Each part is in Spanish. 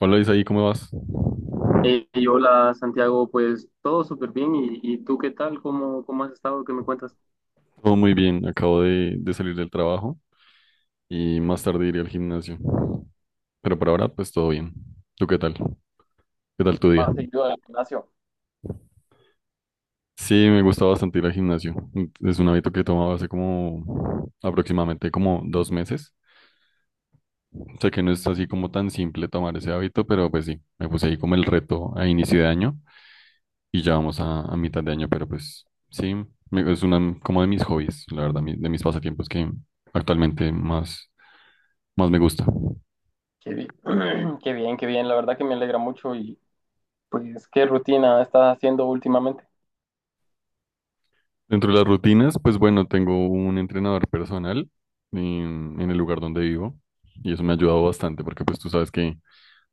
Hola Isaí, ¿cómo vas? Y hola Santiago, pues todo súper bien. ¿Y tú qué tal? ¿Cómo has estado? ¿Qué me cuentas? Todo muy bien, acabo de salir del trabajo y más tarde iré al gimnasio. Pero por ahora, pues todo bien. ¿Tú qué tal? ¿Qué tal tu día? Más seguido del gimnasio. Sí, me gusta bastante ir al gimnasio. Es un hábito que he tomado hace como aproximadamente como 2 meses. Sé que no es así como tan simple tomar ese hábito, pero pues sí, me puse ahí como el reto a inicio de año y ya vamos a mitad de año, pero pues sí, es una como de mis hobbies, la verdad, de mis pasatiempos que actualmente más me gusta. Qué bien. Qué bien, qué bien. La verdad que me alegra mucho y pues qué rutina estás haciendo últimamente. Dentro de las rutinas, pues bueno, tengo un entrenador personal en el lugar donde vivo y eso me ha ayudado bastante porque pues tú sabes que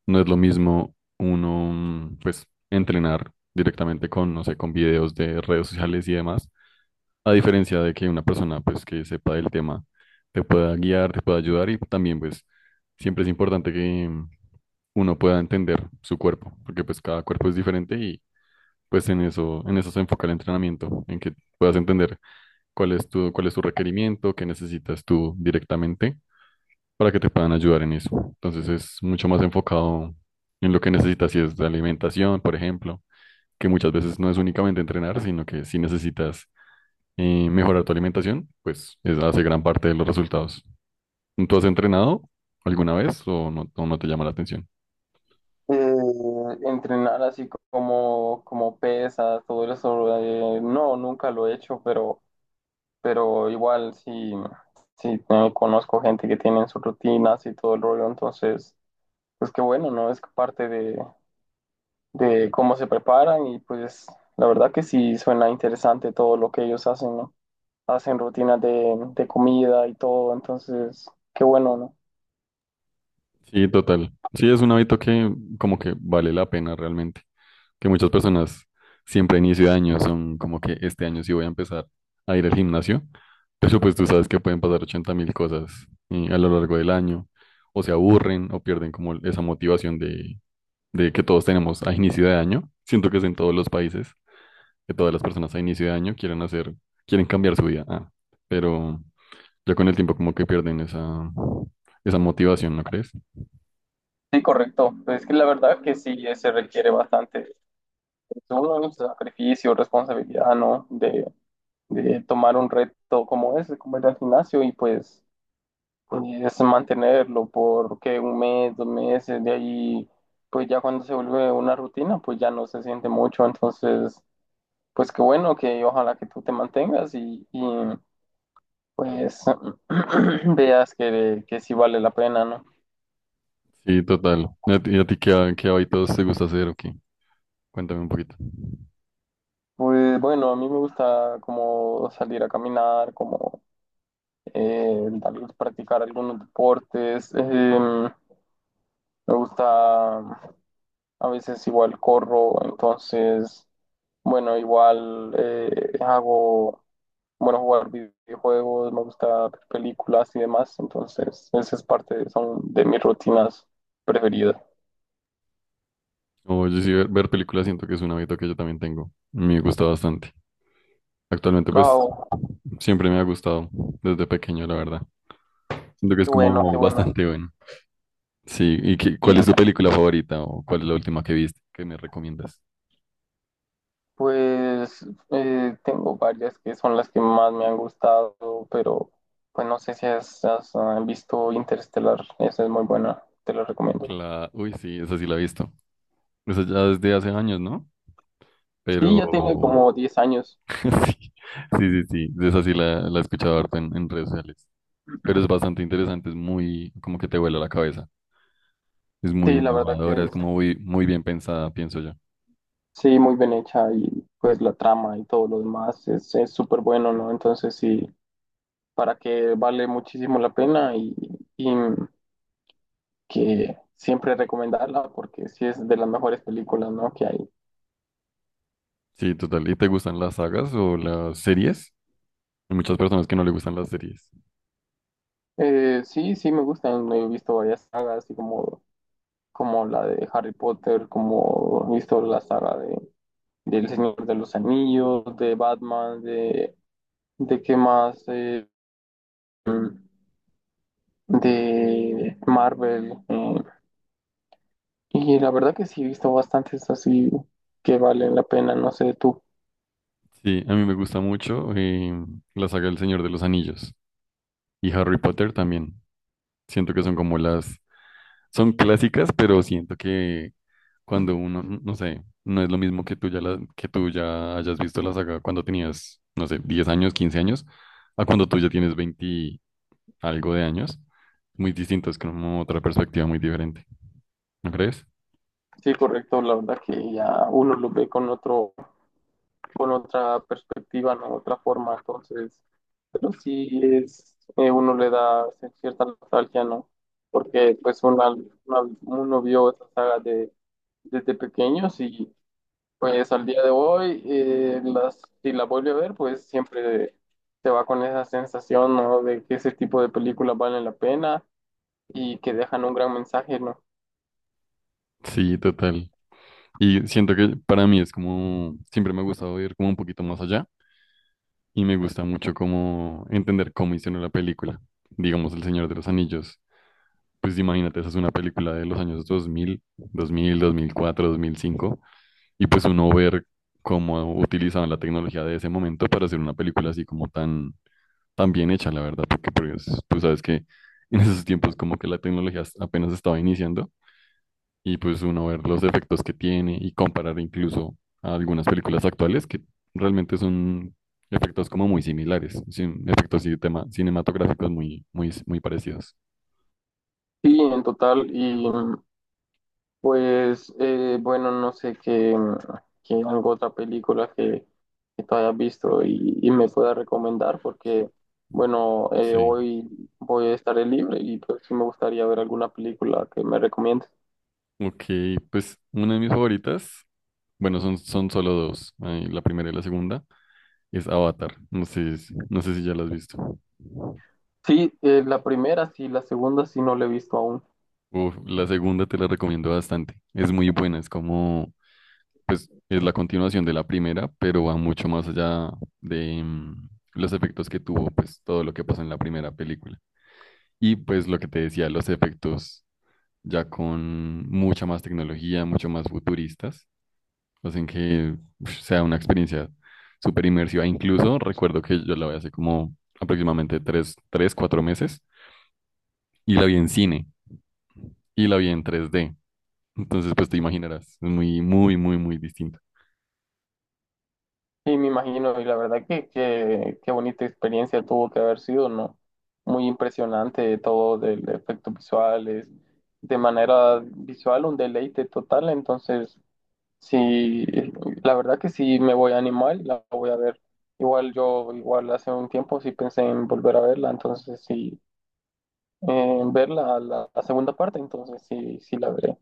no es lo mismo uno pues entrenar directamente con, no sé, con videos de redes sociales y demás, a diferencia de que una persona pues que sepa del tema te pueda guiar, te pueda ayudar y también pues siempre es importante que uno pueda entender su cuerpo, porque pues cada cuerpo es diferente y pues en eso se enfoca el entrenamiento, en que puedas entender cuál es tu requerimiento, qué necesitas tú directamente para que te puedan ayudar en eso. Entonces es mucho más enfocado en lo que necesitas, si es de alimentación, por ejemplo, que muchas veces no es únicamente entrenar, sino que si necesitas mejorar tu alimentación, pues hace gran parte de los resultados. ¿Tú has entrenado alguna vez o no te llama la atención? Entrenar así como, como pesas, todo eso. No, nunca lo he hecho, pero igual sí, sí conozco gente que tiene sus rutinas y todo el rollo. Entonces, pues qué bueno, ¿no? Es parte de cómo se preparan y pues la verdad que sí suena interesante todo lo que ellos hacen, ¿no? Hacen rutinas de comida y todo, entonces qué bueno, ¿no? Sí, total. Sí, es un hábito que como que vale la pena realmente. Que muchas personas siempre a inicio de año son como que este año sí voy a empezar a ir al gimnasio, pero pues tú sabes que pueden pasar 80.000 cosas a lo largo del año, o se aburren o pierden como esa motivación de que todos tenemos a inicio de año. Siento que es en todos los países que todas las personas a inicio de año quieren hacer, quieren cambiar su vida. Ah, pero ya con el tiempo como que pierden esa, esa motivación, ¿no crees? Sí, correcto. Pues es que la verdad que sí se requiere bastante pues, uno, ¿no? Sacrificio, responsabilidad, ¿no? De tomar un reto como ese, como ir al gimnasio y pues, es mantenerlo por ¿qué? Un mes, dos meses, de ahí, pues ya cuando se vuelve una rutina, pues ya no se siente mucho, entonces pues qué bueno que ojalá que tú te mantengas y, pues veas que sí vale la pena, ¿no? Sí, total. Y a ti qué, qué hábitos te gusta hacer o qué? Cuéntame un poquito. Pues bueno, a mí me gusta como salir a caminar, como tal vez practicar algunos deportes. Me gusta, a veces igual corro, entonces, bueno, igual hago, bueno, jugar videojuegos, me gusta ver películas y demás, entonces esa es parte, son de mis rutinas preferidas. O yo sí, ver películas siento que es un hábito que yo también tengo. Me gusta bastante. Actualmente, pues, Oh, siempre me ha gustado desde pequeño, la verdad. Siento que es qué bueno, qué como bueno. bastante bueno. Sí, ¿y qué- Y cuál es tu película favorita o cuál es la última que viste que me recomiendas? pues tengo varias que son las que más me han gustado, pero pues no sé si has, visto Interstellar, esa es muy buena, te la recomiendo. La... Uy, sí, esa sí la he visto. Eso ya desde hace años, ¿no? Sí, ya tiene Pero como 10 años. sí, sí, sí, sí. Esa sí la he escuchado harto en redes sociales. Pero es bastante interesante, es muy, como que te vuela la cabeza. Es muy Sí, la verdad que innovadora, es como muy, muy bien pensada, pienso yo. sí, muy bien hecha y pues la trama y todo lo demás es súper bueno, ¿no? Entonces sí, para que vale muchísimo la pena y que siempre recomendarla porque sí es de las mejores películas, ¿no? Que hay. Sí, total. ¿Y te gustan las sagas o las series? Hay muchas personas que no le gustan las series. Sí, sí, me gustan. He visto varias sagas, así como, como la de Harry Potter, como he visto la saga de, del Señor de los Anillos, de Batman, de qué más, mm, de Marvel. Y la verdad que sí, he visto bastantes así que valen la pena, no sé tú. Sí, a mí me gusta mucho la saga El Señor de los Anillos y Harry Potter también. Siento que son como las, son clásicas, pero siento que cuando uno, no sé, no es lo mismo que tú ya, que tú ya hayas visto la saga cuando tenías, no sé, 10 años, 15 años, a cuando tú ya tienes 20 y algo de años. Muy distinto, es como otra perspectiva muy diferente, ¿no crees? Sí, correcto, la verdad que ya uno lo ve con otro. Con otra perspectiva, ¿no? Otra forma, entonces, pero sí es, uno le da cierta nostalgia, ¿no? Porque pues uno vio esa saga de, desde pequeños y pues al día de hoy, las, si la vuelve a ver, pues siempre se va con esa sensación, ¿no? De que ese tipo de películas valen la pena y que dejan un gran mensaje, ¿no? Sí, total. Y siento que para mí es como, siempre me ha gustado ir como un poquito más allá y me gusta mucho como entender cómo hicieron la película. Digamos, El Señor de los Anillos. Pues imagínate, esa es una película de los años dos mil cuatro, 2005. Y pues uno ver cómo utilizaban la tecnología de ese momento para hacer una película así como tan, tan bien hecha, la verdad, porque pues, tú sabes que en esos tiempos como que la tecnología apenas estaba iniciando y pues uno ver los efectos que tiene y comparar incluso a algunas películas actuales que realmente son efectos como muy similares, efectos y cinematográficos muy, muy, muy parecidos. Sí, en total, y pues bueno, no sé qué, qué algo otra película que tú hayas visto y me pueda recomendar porque bueno, Sí. hoy voy a estar libre y pues sí me gustaría ver alguna película que me recomiendes. Ok, pues una de mis favoritas, bueno, son solo dos, la primera y la segunda. Es Avatar. No sé, no sé si ya la has visto. Sí, la primera sí, la segunda sí no la he visto aún. Uf, la segunda te la recomiendo bastante. Es muy buena. Es como, pues, es la continuación de la primera, pero va mucho más allá de los efectos que tuvo, pues, todo lo que pasó en la primera película. Y pues lo que te decía, los efectos ya con mucha más tecnología, mucho más futuristas, hacen que uf, sea una experiencia súper inmersiva. Incluso recuerdo que yo la vi hace como aproximadamente cuatro meses y la vi en cine. Y la vi en 3D. Entonces, pues te imaginarás, es muy, muy, muy, muy distinta. Sí, me imagino y la verdad que qué bonita experiencia tuvo que haber sido, ¿no? Muy impresionante todo del efectos visuales de manera visual un deleite total, entonces sí, la verdad que sí me voy a animar y la voy a ver. Igual yo, igual hace un tiempo sí pensé en volver a verla, entonces sí, en verla la, la segunda parte, entonces sí, sí la veré.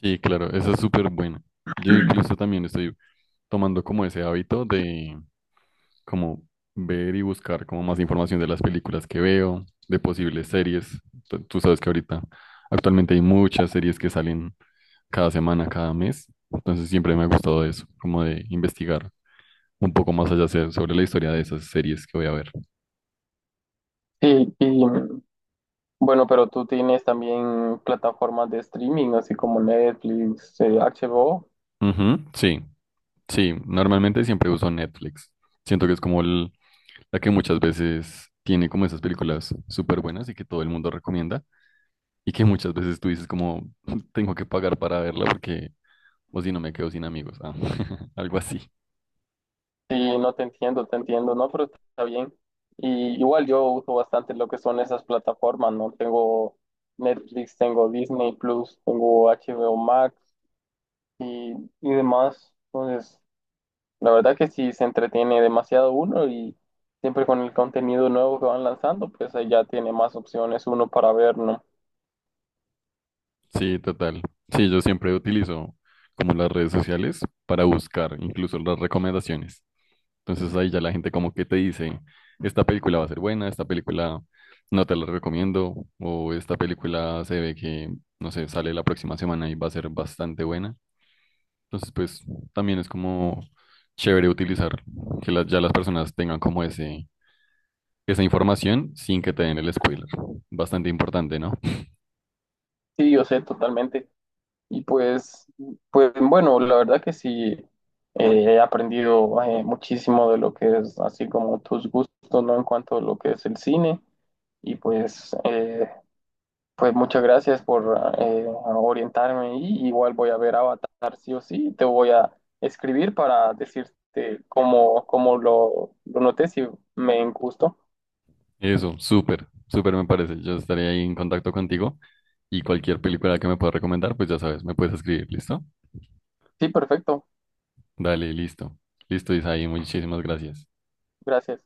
Sí, claro, esa es súper buena. Yo incluso también estoy tomando como ese hábito de como ver y buscar como más información de las películas que veo, de posibles series. Tú sabes que ahorita actualmente hay muchas series que salen cada semana, cada mes. Entonces siempre me ha gustado eso, como de investigar un poco más allá sobre la historia de esas series que voy a ver. Sí, y bueno, pero tú tienes también plataformas de streaming, así como Netflix, HBO. Ujú, sí. Sí, normalmente siempre uso Netflix. Siento que es como la que muchas veces tiene como esas películas súper buenas y que todo el mundo recomienda y que muchas veces tú dices como tengo que pagar para verla porque o si no me quedo sin amigos. Ah, algo así. Sí, no te entiendo, te entiendo, ¿no? Pero está bien. Y igual yo uso bastante lo que son esas plataformas, ¿no? Tengo Netflix, tengo Disney Plus, tengo HBO Max. Y, y demás. Entonces, la verdad que sí se entretiene demasiado uno y siempre con el contenido nuevo que van lanzando, pues ahí ya tiene más opciones uno para ver, ¿no? Sí, total. Sí, yo siempre utilizo como las redes sociales para buscar incluso las recomendaciones. Entonces ahí ya la gente como que te dice, esta película va a ser buena, esta película no te la recomiendo, o esta película se ve que, no sé, sale la próxima semana y va a ser bastante buena. Entonces pues también es como chévere utilizar que ya las personas tengan como ese, esa información sin que te den el spoiler. Bastante importante, ¿no? Sí, yo sé totalmente. Y pues, pues bueno, la verdad que sí he aprendido muchísimo de lo que es así como tus gustos, ¿no? En cuanto a lo que es el cine. Y pues, pues muchas gracias por orientarme y igual voy a ver Avatar sí o sí. Te voy a escribir para decirte cómo, cómo lo noté, si me gustó. Eso, súper, súper me parece. Yo estaré ahí en contacto contigo y cualquier película que me puedas recomendar, pues ya sabes, me puedes escribir, ¿listo? Sí, perfecto. Dale, listo. Listo, Isaí, muchísimas gracias. Gracias.